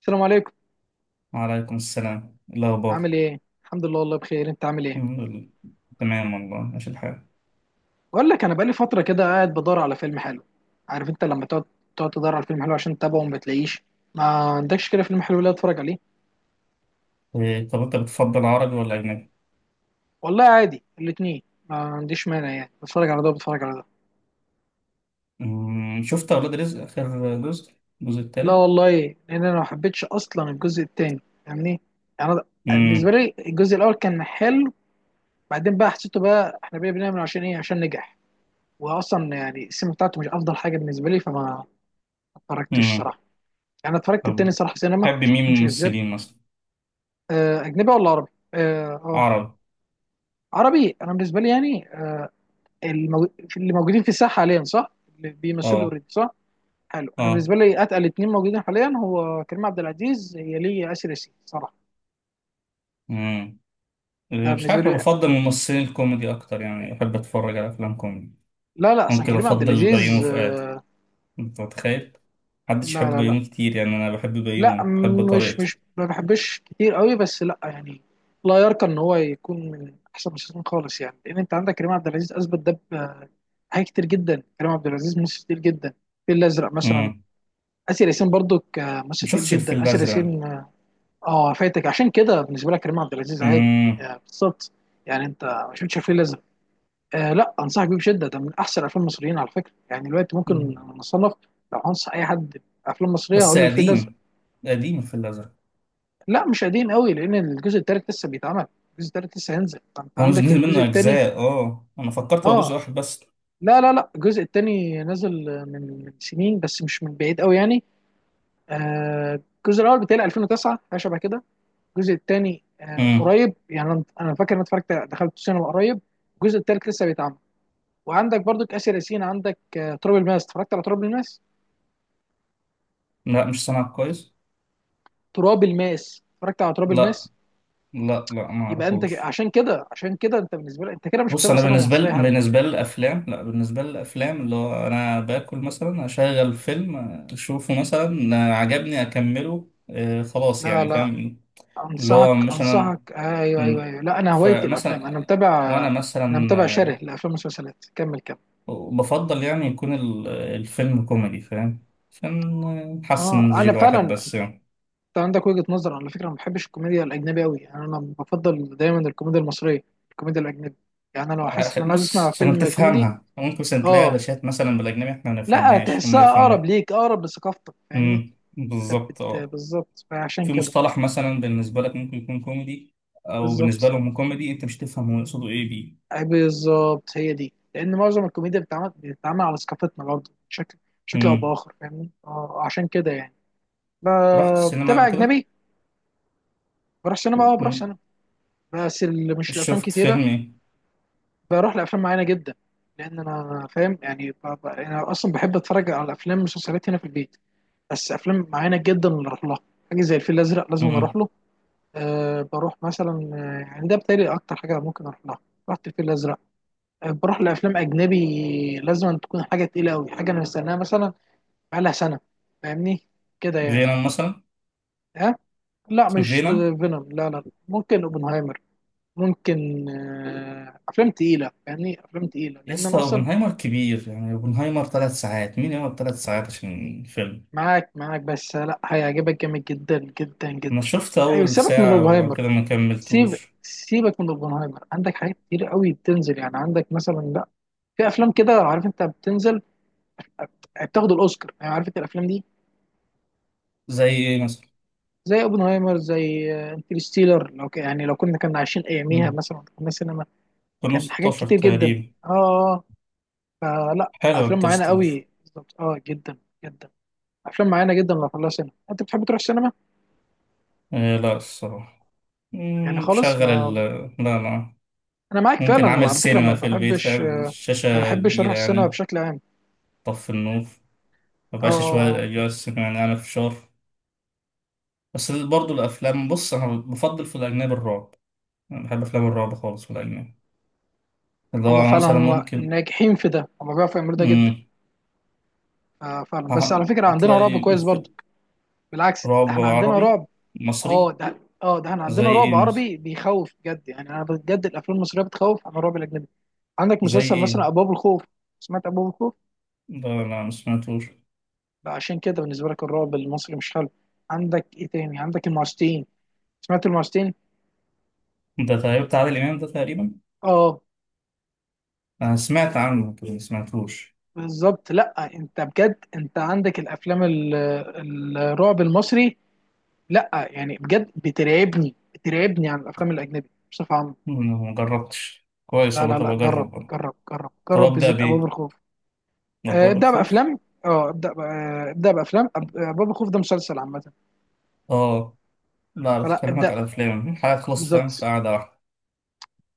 السلام عليكم. وعليكم السلام، إيه الأخبار؟ عامل ايه؟ الحمد لله والله بخير، انت عامل ايه؟ الحمد لله. تمام والله، ماشي الحال. بقول لك انا بقالي فتره كده قاعد بدور على فيلم حلو. عارف انت لما تقعد تدور على فيلم حلو عشان تتابعه وما بتلاقيش؟ ما عندكش كده فيلم حلو لا اتفرج عليه؟ إيه، طب أنت بتفضل عربي ولا أجنبي؟ والله عادي الاتنين، ما عنديش مانع، يعني بتفرج على ده وبتفرج على ده. شفت أولاد رزق آخر جزء، الجزء لا التالت؟ والله، لان انا ما حبيتش اصلا الجزء التاني، فاهمني؟ يعني انا بالنسبه أمم، لي الجزء الاول كان حلو، بعدين بقى حسيته بقى احنا بقى بنعمل عشان ايه، عشان نجح. واصلا يعني السينما بتاعته مش افضل حاجه بالنسبه لي، فما اتفرجتش أمم. صراحه. يعني اتفرجت التاني طب صراحه سينما تحب عشان ما مين من اكونش كذاب. الممثلين مثلا؟ اجنبي ولا عربي؟ اه عربي، عربي. انا بالنسبه لي يعني اللي موجودين في الساحه حاليا، صح؟ اللي بيمثلوا أه اوريدي، صح. حلو. انا أه. بالنسبه لي اتقل اتنين موجودين حاليا هو كريم عبد العزيز هي لي ياسر ياسين صراحه. أمم. ده إيه، مش بالنسبه عارف، أنا لي. بفضل الممثلين الكوميدي أكتر، يعني أحب أتفرج على أفلام كوميدي. لا لا، اصلا ممكن كريم عبد أفضل بيومي العزيز فؤاد، أنت متخيل؟ محدش لا يحب لا لا، بيومي كتير، يعني أنا بحب لا بيومي، بحب مش طريقته. ما بحبش كتير قوي، بس لا يعني، لا يرقى ان هو يكون من احسن المسلسلين خالص. يعني لان انت عندك كريم عبد العزيز، اثبت ده حاجات كتير جدا. كريم عبد العزيز ممثل كتير جدا. الفيل الازرق مثلا. أمم. اسر ياسين برضو ممثل كتير مشفتش الفيل جدا، اسر الأزرق. ياسين. اه فاتك، عشان كده بالنسبه لك كريم عبد العزيز عادي. بالظبط. يعني انت ما شفتش الفيل الازرق. آه لا، انصحك بيه بشده، ده من احسن الافلام المصريين على فكره. يعني دلوقتي ممكن مم. نصنف، لو هنصح اي حد افلام مصريه، بس هقول له الفيل الازرق. قديم، قديم في الأزرق. لا مش قديم قوي، لان الجزء الثالث لسه بيتعمل، الجزء الثالث لسه هينزل، فانت هو مش عندك نزل الجزء منه الثاني. أجزاء؟ اه، أنا فكرت هو جزء اه واحد بس. لا لا لا، الجزء الثاني نزل من سنين، بس مش من بعيد قوي يعني. آه، الجزء الاول بتاعي 2009 حاجه شبه كده، الجزء الثاني آه مم. قريب. يعني أنا فاكر ان اتفرجت دخلت السينما قريب. الجزء الثالث لسه بيتعمل. وعندك برضك اسر ياسين، عندك تراب الماس. اتفرجت على تراب الماس؟ لا مش سامع كويس. تراب الماس، اتفرجت على تراب لا الماس؟ لا، ما يبقى انت أعرفوش. عشان كده، انت بالنسبه لك انت كده مش بص، بتابع أنا سينما بالنسبة مصريه. لي هلا. بالنسبة للأفلام، لا بالنسبة للأفلام، اللي هو أنا باكل مثلا أشغل فيلم، أشوفه مثلا، عجبني أكمله، آه خلاص، لا يعني لا، فاهم. اللي هو انصحك مثلا، ايوه ايوه مم. ايوه. لا انا هوايتي الافلام، انا فمثلا متابع. وأنا انا مثلا متابع شره لافلام والمسلسلات. كمل كمل. بفضل يعني يكون الفيلم كوميدي، فاهم؟ عشان نحسن اه نمزج انا فعلا، الواحد بس انت يعني. عندك وجهه نظر على فكره. ما بحبش الكوميديا الاجنبيه قوي، يعني انا بفضل دايما الكوميديا المصريه. الكوميديا الاجنبيه، يعني انا لو حاسس ان انا عايز بص، اسمع عشان فيلم كوميدي. تفهمها ممكن مثلا تلاقي اه علاشات مثلا بالأجنبي احنا ما لا، نفهمهاش، هم تحسها اقرب يفهموها. ليك، اقرب لثقافتك، فاهمني. امم، بالظبط اه. بالظبط، فعشان في كده مصطلح مثلا بالنسبة لك ممكن يكون كوميدي، أو بالنسبة بالظبط. لهم كوميدي أنت مش تفهم هو يقصده إيه بيه. أي بالظبط، هي دي. لان معظم الكوميديا بتتعمل على ثقافتنا برضه، بشكل او امم. باخر، فاهمني. اه، عشان كده يعني رحت السينما بتابع قبل كده؟ اجنبي. بروح سينما، اه بروح امم. سينما، بس اللي مش الافلام شفت كتيره. فيلم إيه؟ بروح لافلام معينه جدا، لان انا فاهم يعني انا اصلا بحب اتفرج على افلام مسلسلات هنا في البيت. بس افلام معينه جدا اللي اروح لها. حاجه زي الفيل الازرق لازم أنا اروح امم. له. أه بروح مثلا، يعني ده بتهيألي اكتر حاجه ممكن اروح لها. رحت الفيل الازرق. بروح لافلام اجنبي لازم أن تكون حاجه تقيله قوي، حاجه انا مستناها مثلا بقالها سنه، فاهمني، كده يعني. فينوم مثلا. ها؟ لا اسمه مش فينوم. فينوم، لا لا، ممكن اوبنهايمر. ممكن افلام تقيله، فاهمني، افلام تقيله يا لان انا اسطى اصلا. اوبنهايمر كبير، يعني اوبنهايمر ثلاث ساعات، مين يقعد ثلاث ساعات عشان فيلم؟ معاك معاك، بس لا هيعجبك جامد جدا جدا انا جدا. شفت ايوه اول سيبك من ساعة وبعد اوبنهايمر. كده ما كملتوش. سيبك من اوبنهايمر، عندك حاجات كتير قوي بتنزل. يعني عندك مثلا، لا في افلام كده، عارف انت، بتنزل بتاخد الاوسكار، يعني عارف انت الافلام دي. زي ايه مثلا؟ زي اوبنهايمر، زي انترستيلر. لو يعني لو كنا عايشين اياميها مم. مثلا كنا سينما. كانوا كان حاجات 16 كتير جدا. تقريبا. اه فلا حلو افلام معينه انترستيلر. قوي، بالظبط، اه جدا جدا. افلام معينه جدا لو خلاها سينما انت بتحب تروح السينما آه لا الصراحة. يعني مم، خالص. بشغل ال ما لا لا انا معاك ممكن فعلا عامل على فكره، سينما في البيت، فاهم؟ ما الشاشة بحبش اروح كبيرة السينما يعني. بشكل عام. طف النور، اه مبقاش شوية أجواء السينما، يعني أعمل فشار. بس برضه الأفلام، بص أنا بفضل في الأجنبي الرعب، أنا بحب أفلام الرعب خالص في الأجنبي. اللي هما هو فعلا مثلا هما ممكن. ناجحين في ده، هما بيعرفوا يعملوا ده جدا. امم. آه فعلا، بس هح- على فكره عندنا رعب هتلاقي كويس في- برضه. بالعكس، ده رعب احنا عندنا عربي، رعب. اه مصري. ده، اه ده احنا زي عندنا رعب ايه مثلا؟ عربي بيخوف بجد. يعني انا بجد الافلام المصريه بتخوف عن الرعب الاجنبي. عندك زي مسلسل ايه؟ مثلا ابواب الخوف. سمعت ابواب الخوف؟ ده لا، ما سمعتوش. بقى عشان كده بالنسبه لك الرعب المصري مش حلو. عندك ايه تاني، عندك المعستين. سمعت المعستين؟ ده تقريبا بتاع عادل امام ده تقريبا، اه انا سمعت عنه بس ما سمعتوش. بالظبط. لا انت بجد انت عندك الافلام الرعب المصري لا يعني بجد بترعبني، عن الافلام الاجنبي بصفه عامه. أمم، ما جربتش كويس لا والله، لا طب لا جرب اجرب أنا. جرب جرب طب جرب ابدا بالذات ابواب بايه؟ الخوف. ابدا ابدأ بالخوف. بأفلام. اه ابدأ ابدأ بأفلام باب الخوف، ده مسلسل عامة. اه لا، فلا بكلمك ابدأ على افلام، حاجه تخلص فاهم في بالظبط. قعده واحده.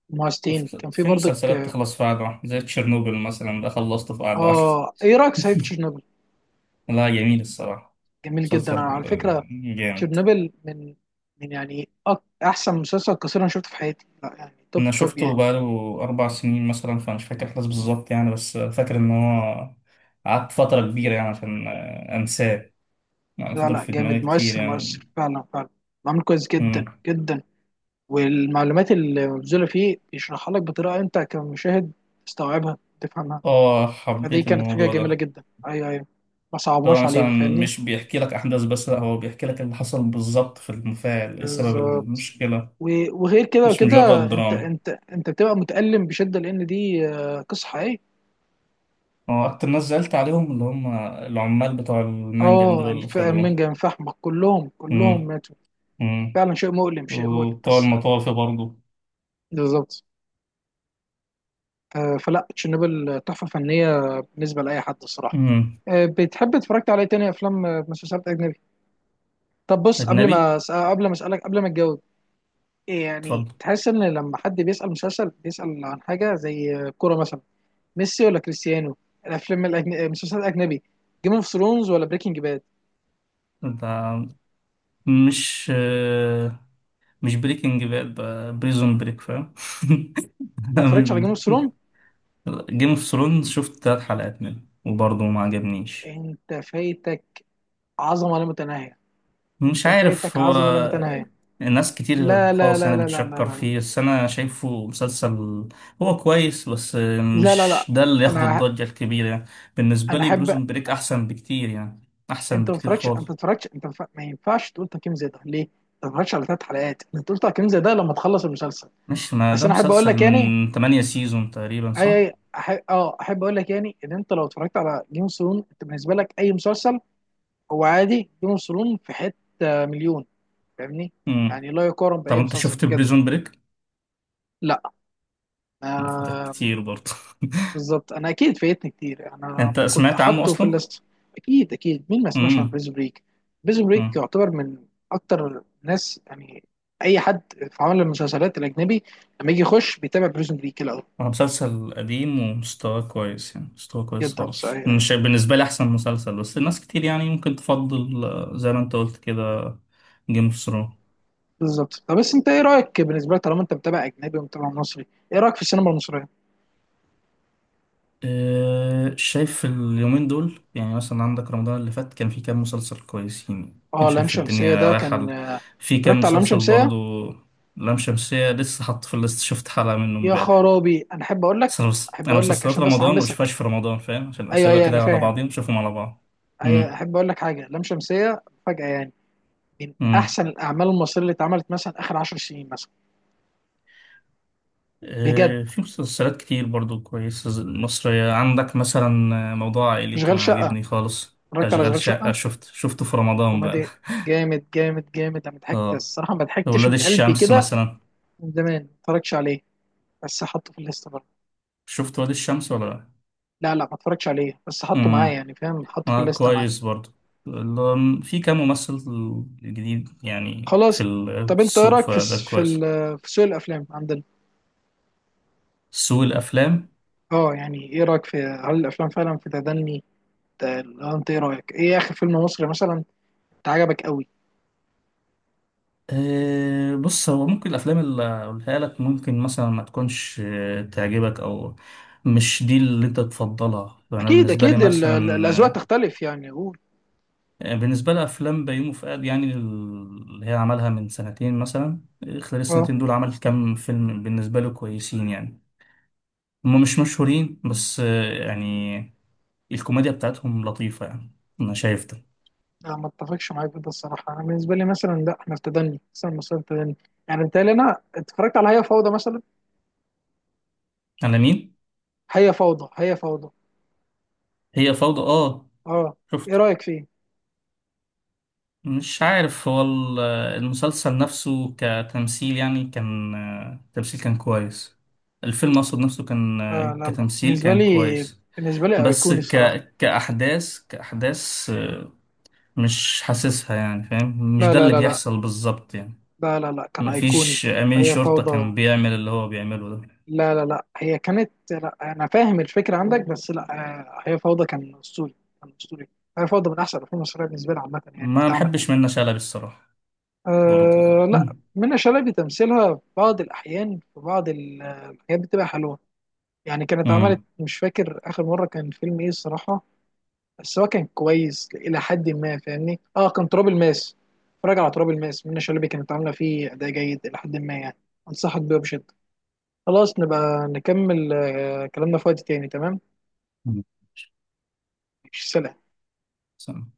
مهستين في كان في برضك مسلسلات اه. تخلص في قعده واحده زي تشيرنوبل مثلا، ده خلصته في قعده واحده. ايه رأيك صحيح في تشيرنوبل؟ لا جميل الصراحه. جميل جدا، مسلسل انا على آه، فكرة جامد. تشيرنوبل من يعني احسن مسلسل قصير انا شفته في حياتي، لا يعني توب انا توب شفته يعني. بقاله اربع سنين مثلا، فمش فاكر الاحداث بالظبط يعني، بس فاكر ان هو قعدت فتره كبيره يعني عشان انساه، يعني لا فضل لا في دماغي جامد، كتير مؤثر يعني. مؤثر فعلا فعلا. معمول كويس مم. جدا جدا. والمعلومات اللي مبذولة فيه بيشرحها لك بطريقة انت كمشاهد تستوعبها تفهمها. اه، فدي حبيت كانت حاجه الموضوع جميله ده. جدا، ايوه ايوه. ما طبعا صعبهاش مثلا علينا، فاهمني. مش بيحكي لك احداث بس، لا هو بيحكي لك اللي حصل بالظبط في المفاعل، ايه سبب بالظبط، المشكله، وغير كده مش مجرد وكده. دراما. انت بتبقى متألم بشده لان دي قصه حقيقيه. هو اكتر ناس زعلت عليهم اللي هم العمال بتوع المنجم اه دول اللي خدوه. المنجم فحمك كلهم كلهم مم. ماتوا. مم. فعلا شيء مؤلم، شيء مؤلم، وبتوع بس المطافي برضه. بالظبط. فلا تشيرنوبل تحفه فنيه بالنسبه لاي حد الصراحه. مم. بتحب اتفرجت على ايه تاني، افلام مسلسلات اجنبي؟ طب بص، قبل اجنبي. ما قبل ما اسالك قبل ما تجاوب، اتفضل. يعني تحس ان لما حد بيسأل مسلسل بيسأل عن حاجة زي كورة مثلا، ميسي ولا كريستيانو. الافلام مسلسلات الاجنبي، جيم اوف ثرونز ولا بريكنج باد؟ ده مش بريكنج باد، ده بريزون بريك فاهم. ما اتفرجتش على جيم اوف ثرونز. جيم اوف ثرونز شفت تلات حلقات منه وبرضه ما عجبنيش. انت فايتك عظمة لا متناهية مش انت عارف فايتك هو، عظمة لا متناهية. ناس كتير لا لا خالص لا يعني لا لا بتشكر لا، فيه، بس انا شايفه مسلسل هو كويس بس لا لا لا مش لا. ده اللي ياخد انا الضجة الكبيرة يعني. بالنسبة لي احب. بريزون بريك احسن بكتير يعني، احسن انت ما بكتير اتفرجتش، خالص. انت ما ينفعش تقول تقييم زي ده ليه؟ انت ما اتفرجتش على ثلاث حلقات انت تقول تقييم زي ده لما تخلص المسلسل. مش ما بس ده انا احب اقول مسلسل لك يعني، من 8 سيزون تقريبا، اي صح؟ اي احب اقول لك، يعني ان انت لو اتفرجت على جيم اوف ثرون انت بالنسبه لك اي مسلسل هو عادي. جيم اوف ثرون في حته مليون، فاهمني، يعني لا يقارن طب باي انت مسلسل شفت بجد. بريزون بريك؟ لا. فاتك آه كتير برضه. بالظبط، انا اكيد فايتني كتير، انا انت كنت سمعت عنه حاطه في اصلا؟ الليست. اكيد اكيد، مين ما سمعش عن امم. بريزون بريك. بريزون بريك امم. يعتبر من اكتر ناس يعني، اي حد في عالم المسلسلات الاجنبي لما يجي يخش بيتابع بريزون بريك الاول. هو مسلسل قديم ومستواه كويس يعني، مستواه كويس جدا خالص، مش بالنسبة لي احسن مسلسل، بس الناس كتير يعني ممكن تفضل زي ما انت قلت كده جيم اوف ثرونز. بالظبط. طب بس انت ايه رايك، بالنسبه لك طالما انت متابع اجنبي ومتابع مصري، ايه رايك في السينما المصريه؟ شايف اليومين دول يعني، مثلا عندك رمضان اللي فات كان في كام مسلسل كويسين، كان اه لام شايف شمسيه الدنيا ده رايحة كان. في كام اتفرجت على لام مسلسل برضه. شمسيه؟ لام شمسية لسه حاط في الليست، شفت حلقة منه يا امبارح. خرابي، انا احب اقول بس لك، أنا احب اقول لك مسلسلات عشان بس رمضان ما احمسك. بشوفهاش في رمضان فاهم، عشان ايوه أسيبها ايوه انا كده على فاهم. بعضين نشوفهم على بعض. ايوه امم. احب اقول لك حاجه، لام شمسيه فجاه يعني من امم. احسن الاعمال المصريه اللي اتعملت مثلا اخر 10 سنين مثلا. بجد في مسلسلات كتير برضو كويسة، مصرية، عندك مثلا موضوع عائلي اشغال كان شقه؟ عاجبني خالص، اتفرجت على أشغال اشغال شقة، شقه؟ شفته في رمضان بقى. كوميدي جامد جامد. انا ضحكت اه، الصراحه، ما ضحكتش من ولاد قلبي الشمس كده مثلا، من زمان. ما اتفرجتش عليه بس حطه في الليسته. شفت ولاد الشمس ولا لا؟ لا لا ما اتفرجتش عليه بس حطه معايا امم. يعني، فاهم، حطه في اه، الليسته معايا. كويس برضو. في كام ممثل جديد يعني في خلاص. في طب انت ايه السوق، رايك في فده في كويس. في سوق الافلام عندنا؟ سوق الأفلام؟ اه يعني ايه رايك في، هل الافلام فعلا في تدني؟ ت- انت ايه رايك، ايه اخر فيلم مصري مثلا انت عجبك قوي؟ أه بص، هو ممكن الأفلام اللي أقولها لك ممكن مثلا ما تكونش تعجبك، أو مش دي اللي أنت تفضلها. أنا اكيد بالنسبة لي اكيد الاذواق مثلا تختلف يعني، قول. بالنسبة لي أفلام بيومي فؤاد يعني، اللي هي عملها من سنتين مثلا، خلال اه السنتين دول عمل كام فيلم بالنسبة له كويسين يعني، هما مش مشهورين بس يعني الكوميديا بتاعتهم لطيفة يعني، أنا شايف ده. لا، ما اتفقش معاك في ده الصراحه. انا بالنسبه لي مثلا لا، احنا في تدني مثلا، مصر في تدني. يعني بتهيألي، انا اتفرجت على هي فوضى مثلا. على مين؟ هي فوضى، هي فوضى. هي فوضى. آه اه ايه شفت. رايك فيه؟ مش عارف هو المسلسل نفسه كتمثيل يعني كان، تمثيل كان كويس. الفيلم أقصد نفسه آه كان لا لا، كتمثيل كان كويس. بالنسبة لي بس أيقوني الصراحة. ك... كأحداث، كأحداث مش حاسسها يعني فاهم، مش لا ده لا اللي لا لا بيحصل بالظبط يعني. لا لا، لا كان أيقوني. مفيش أمين هي شرطة كان فوضى، بيعمل اللي هو بيعمله ده. لا لا لا، هي كانت، لا أنا فاهم الفكرة عندك بس لا. آه هي فوضى كان أسطوري، كان أسطوري. هي فوضى من أحسن الأفلام المصرية بالنسبة لي عامة، يعني اللي ما اتعمل. بحبش منة شلبي الصراحة، برضه يعني. آه لا، منى شلبي تمثيلها في بعض الأحيان في بعض الحاجات بتبقى حلوة يعني. كانت عملت مم. مش فاكر آخر مرة كان فيلم إيه الصراحة، بس هو كان كويس الى حد ما، فاهمني، اه كان تراب الماس. اتفرج على تراب الماس، منى شلبي كانت عامله فيه اداء جيد الى حد ما يعني. انصحك بيه بشده. خلاص نبقى نكمل كلامنا في وقت تاني، تمام. ماشي، سلام. مم.